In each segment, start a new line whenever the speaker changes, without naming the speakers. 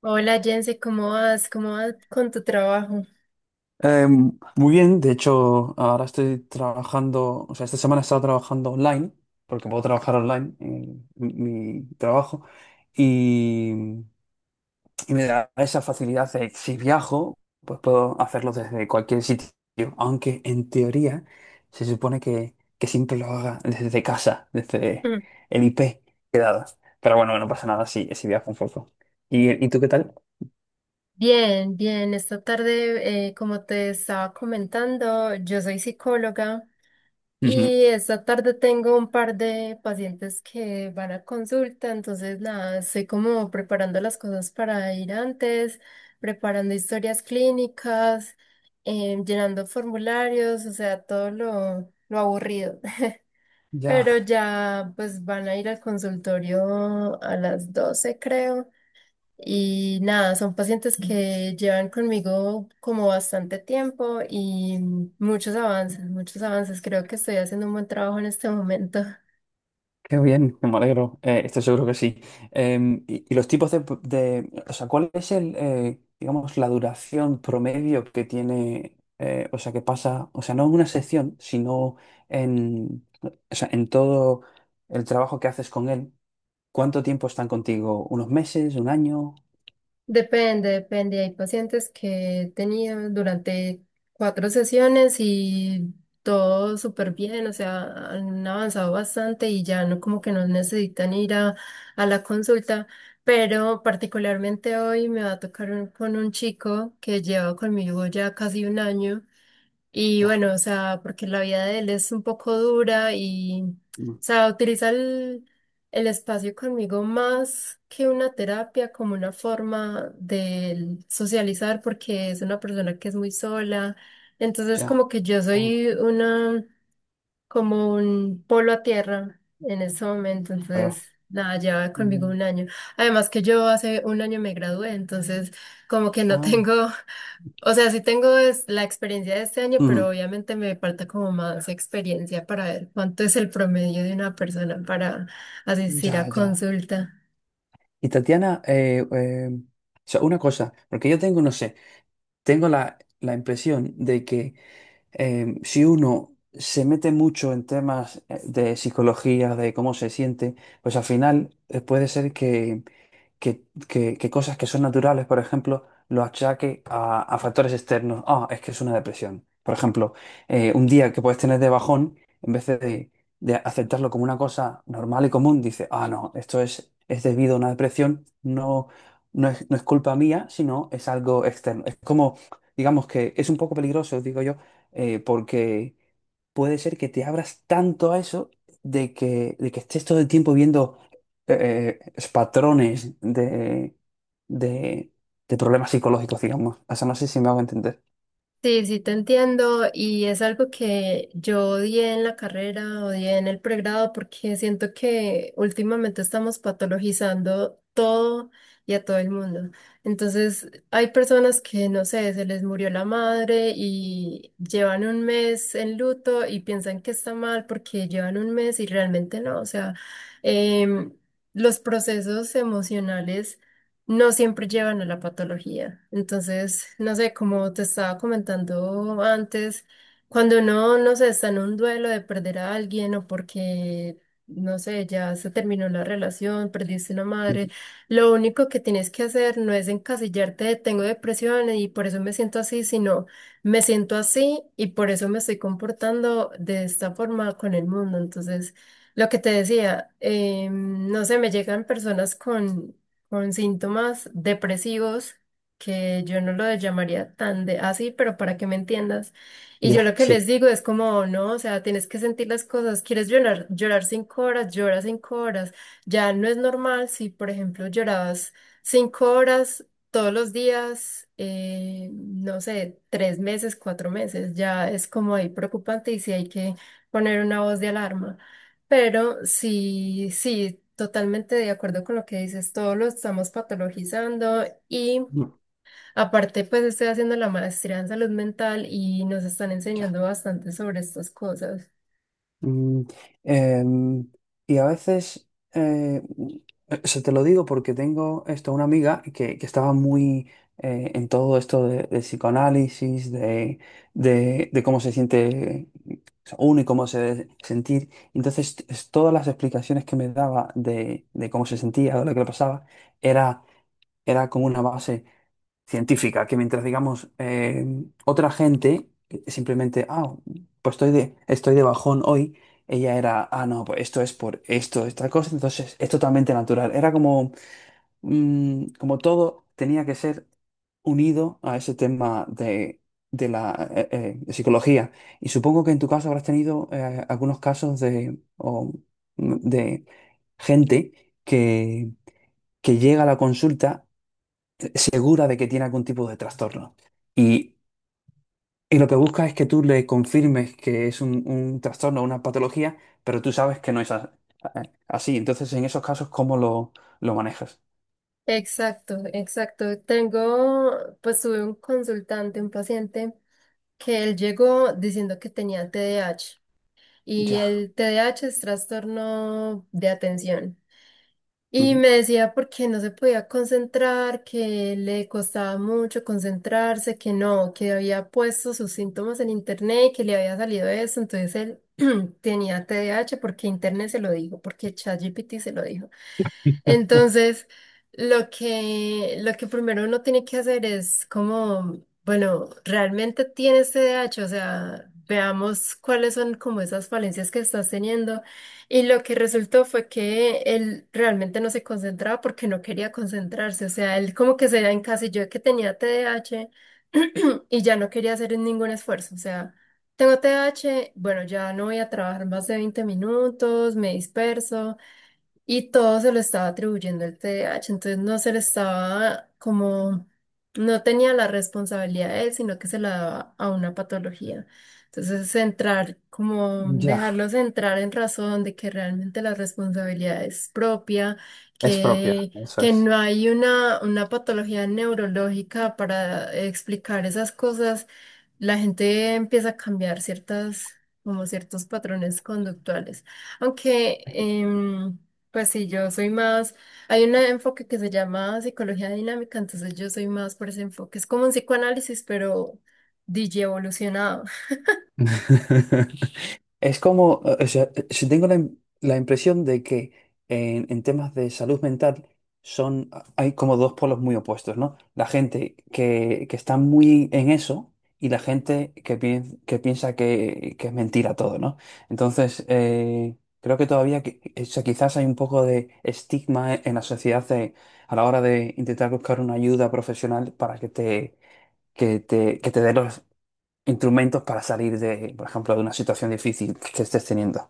Hola Jense, ¿cómo vas? ¿Cómo vas con tu trabajo?
Eh, Muy bien, de hecho, ahora estoy trabajando, o sea, esta semana he estado trabajando online, porque puedo trabajar online en mi trabajo, y me da esa facilidad de que si viajo, pues puedo hacerlo desde cualquier sitio, aunque en teoría se supone que siempre lo haga desde casa, desde
Mm.
el IP. Pero bueno, no pasa nada si viajo un poco. ¿Y tú qué tal?
Bien, bien. Esta tarde, como te estaba comentando, yo soy psicóloga
Ujú.
y esta tarde tengo un par de pacientes que van a consulta, entonces nada, estoy como preparando las cosas para ir antes, preparando historias clínicas, llenando formularios, o sea, todo lo aburrido.
Ya.
Pero ya pues van a ir al consultorio a las 12, creo. Y nada, son pacientes que llevan conmigo como bastante tiempo y muchos avances, muchos avances. Creo que estoy haciendo un buen trabajo en este momento.
Qué bien, me alegro. Estoy seguro que sí. Y los tipos o sea, ¿cuál es el, digamos, la duración promedio que tiene, o sea, que pasa, o sea, no en una sección, sino en, o sea, en todo el trabajo que haces con él? ¿Cuánto tiempo están contigo? ¿Unos meses? ¿Un año?
Depende, depende. Hay pacientes que he tenido durante cuatro sesiones y todo súper bien, o sea, han avanzado bastante y ya no como que no necesitan ir a la consulta. Pero particularmente hoy me va a tocar con un chico que lleva conmigo ya casi un año. Y
Ya,
bueno, o sea, porque la vida de él es un poco dura y, o
mm,
sea, utiliza el espacio conmigo más que una terapia, como una forma de él socializar, porque es una persona que es muy sola. Entonces,
ya,
como que yo
hombre,
soy una como un polo a tierra en ese momento,
claro.
entonces nada, lleva conmigo
Mm,
un año. Además que yo hace un año me gradué, entonces como que no
ah,
tengo, o sea, sí tengo la experiencia de este año, pero
ujú,
obviamente me falta como más experiencia para ver cuánto es el promedio de una persona para asistir a
ya, ya.
consulta.
Y Tatiana, o sea, una cosa, porque yo tengo, no sé. Tengo la impresión de que si uno se mete mucho en temas de psicología, de cómo se siente, pues al final puede ser que cosas que son naturales, por ejemplo, lo achaque a factores externos. Ah, es que es una depresión. Por ejemplo, un día que puedes tener de bajón, en vez de aceptarlo como una cosa normal y común, dice, ah, no, esto es debido a una depresión, no, no es culpa mía, sino es algo externo. Es como, digamos que es un poco peligroso, digo yo, porque puede ser que te abras tanto a eso de que estés todo el tiempo viendo es patrones de, de problemas psicológicos, digamos. O sea, no sé si me hago entender.
Sí, sí, te entiendo y es algo que yo odié en la carrera, odié en el pregrado porque siento que últimamente estamos patologizando todo y a todo el mundo. Entonces, hay personas que, no sé, se les murió la madre y llevan un mes en luto y piensan que está mal porque llevan un mes y realmente no. O sea, em, los procesos emocionales no siempre llevan a la patología. Entonces, no sé, como te estaba comentando antes, cuando uno, no sé, está en un duelo de perder a alguien o porque, no sé, ya se terminó la relación, perdiste una madre,
Mm,
lo único que tienes que hacer no es encasillarte de tengo depresión y por eso me siento así, sino me siento así y por eso me estoy comportando de esta forma con el mundo. Entonces, lo que te decía, no sé, me llegan personas con síntomas depresivos, que yo no lo llamaría tan de así, pero para que me entiendas. Y yo
ya,
lo que les
sí.
digo es como, no, o sea, tienes que sentir las cosas, quieres llorar, llorar cinco horas, llora cinco horas. Ya no es normal si, por ejemplo, llorabas cinco horas todos los días, no sé, tres meses, cuatro meses, ya es como ahí preocupante y si hay que poner una voz de alarma. Pero sí, sí, totalmente de acuerdo con lo que dices, todo lo estamos patologizando y
Mm,
aparte pues estoy haciendo la maestría en salud mental y nos están
ya.
enseñando bastante sobre estas cosas.
Mm, em, y a veces, eh, se te lo digo porque tengo esto, una amiga que estaba muy en todo esto de psicoanálisis, de cómo se siente uno y cómo se debe sentir. Entonces, todas las explicaciones que me daba de cómo se sentía o lo que le pasaba, era era como una base científica, que mientras, digamos, otra gente simplemente, ah, pues estoy de bajón hoy, ella era, ah, no, pues esto es por esto, esta cosa, entonces es totalmente natural. Era como, mm, como todo tenía que ser unido a ese tema de la de psicología. Y supongo que en tu caso habrás tenido algunos casos de, o, mm, de gente que llega a la consulta segura de que tiene algún tipo de trastorno. Y, y lo que busca es que tú le confirmes que es un trastorno, una patología, pero tú sabes que no es así. Entonces, en esos casos, ¿cómo lo manejas?
Exacto, exacto. Tengo, pues tuve un consultante, un paciente que él llegó diciendo que tenía TDAH. Y
Ya.
el T D A H es trastorno de atención. Y
Ujú.
me decía porque no se podía concentrar, que le costaba mucho concentrarse, que no, que había puesto sus síntomas en internet y que le había salido eso. Entonces él tenía T D A H porque internet se lo dijo, porque ChatGPT se lo dijo. Entonces, lo que primero uno tiene que hacer es como bueno, realmente tienes T D A H, o sea, veamos cuáles son como esas falencias que estás teniendo. Y lo que resultó fue que él realmente no se concentraba porque no quería concentrarse, o sea, él como que se encasilló de que tenía T D A H y ya no quería hacer ningún esfuerzo, o sea, tengo T D A H, bueno, ya no voy a trabajar más de 20 minutos, me disperso. Y todo se lo estaba atribuyendo el T D A H, entonces no se le estaba como, no tenía la responsabilidad de él, sino que se la daba a una patología. Entonces, centrar, como
Ya.
dejarlos entrar en razón de que realmente la responsabilidad es propia,
Es propia,
que,
eso es.
no hay una patología neurológica para explicar esas cosas, la gente empieza a cambiar ciertas, como ciertos patrones conductuales. Aunque... pues sí, yo soy más, hay un enfoque que se llama psicología dinámica, entonces yo soy más por ese enfoque. Es como un psicoanálisis, pero DJ.
Es como, o sea, si tengo la impresión de que en temas de salud mental son, hay como dos polos muy opuestos, ¿no? La gente que está muy en eso y la gente que piensa que es mentira todo, ¿no? Entonces, creo que todavía, o sea, quizás hay un poco de estigma en la sociedad de a la hora de intentar buscar una ayuda profesional para que te, que te dé instrumentos para salir de, por ejemplo, de una situación difícil que estés teniendo.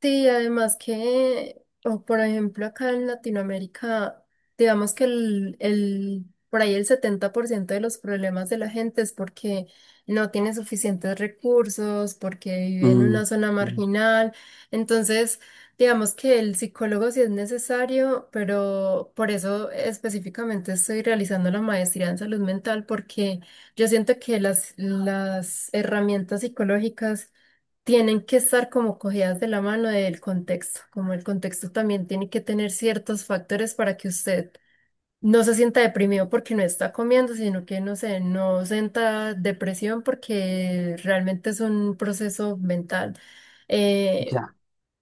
Sí, además que, o por ejemplo, acá en Latinoamérica, digamos que por ahí el 70% de los problemas de la gente es porque no tiene suficientes recursos, porque vive en una
Mm,
zona
mm,
marginal. Entonces, digamos que el psicólogo sí es necesario, pero por eso específicamente estoy realizando la maestría en salud mental, porque yo siento que las herramientas psicológicas tienen que estar como cogidas de la mano del contexto, como el contexto también tiene que tener ciertos factores para que usted no se sienta deprimido porque no está comiendo, sino que, no sé, no sienta depresión porque realmente es un proceso mental. Eh,
ya.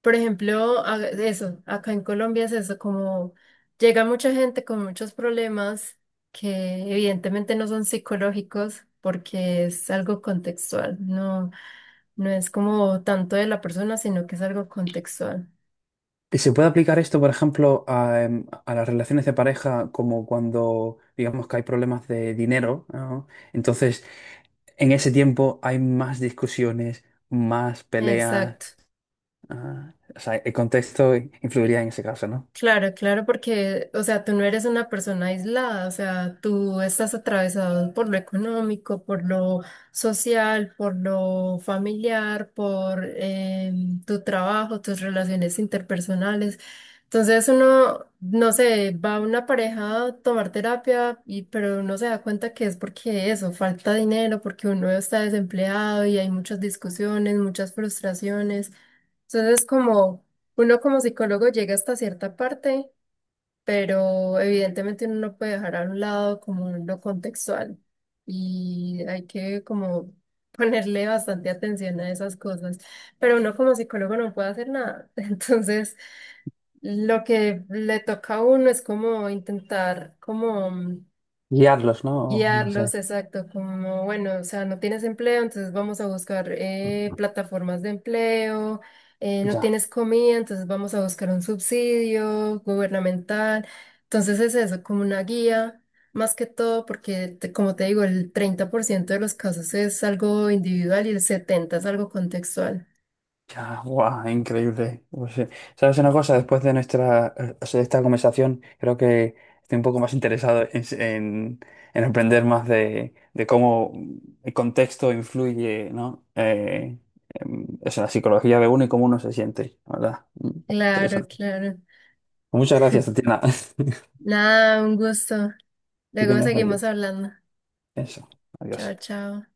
por ejemplo, eso, acá en Colombia es eso, como llega mucha gente con muchos problemas que evidentemente no son psicológicos porque es algo contextual, no. No es como tanto de la persona, sino que es algo contextual.
¿Y se puede aplicar esto, por ejemplo, a, a las relaciones de pareja, como cuando digamos que hay problemas de dinero, ¿no? Entonces, en ese tiempo hay más discusiones, más peleas.
Exacto.
Ah, o sea, el contexto influiría en ese caso, ¿no?
Claro, claro, porque, o sea, tú no eres una persona aislada, o sea, tú estás atravesado por lo económico, por lo social, por lo familiar, por tu trabajo, tus relaciones interpersonales. Entonces uno, no sé, va a una pareja a tomar terapia, y, pero uno se da cuenta que es porque eso, falta dinero, porque uno está desempleado y hay muchas discusiones, muchas frustraciones. Entonces como uno como psicólogo llega hasta cierta parte pero evidentemente uno no puede dejar a un lado como lo contextual y hay que como ponerle bastante atención a esas cosas, pero uno como psicólogo no puede hacer nada, entonces lo que le toca a uno es como intentar como
Guiarlos, ¿no? O no sé.
Guiarlos, exacto, como bueno, o sea, no tienes empleo, entonces vamos a buscar plataformas de empleo, no
Ya.
tienes comida, entonces vamos a buscar un subsidio gubernamental. Entonces es eso, como una guía, más que todo, porque como te digo, el 30% de los casos es algo individual y el 70% es algo contextual.
Ya, guau, increíble. Pues, ¿sabes una cosa? Después de nuestra, o sea, de esta conversación, creo que estoy un poco más interesado en aprender más de cómo el contexto influye, ¿no? O sea, la psicología de uno y cómo uno se siente, la ¿verdad? Mm,
Claro,
interesante.
claro.
Pues muchas gracias, Tatiana.
Nada, un gusto.
Que
Luego
tengas buen día.
seguimos hablando.
Eso. Adiós.
Chao, chao.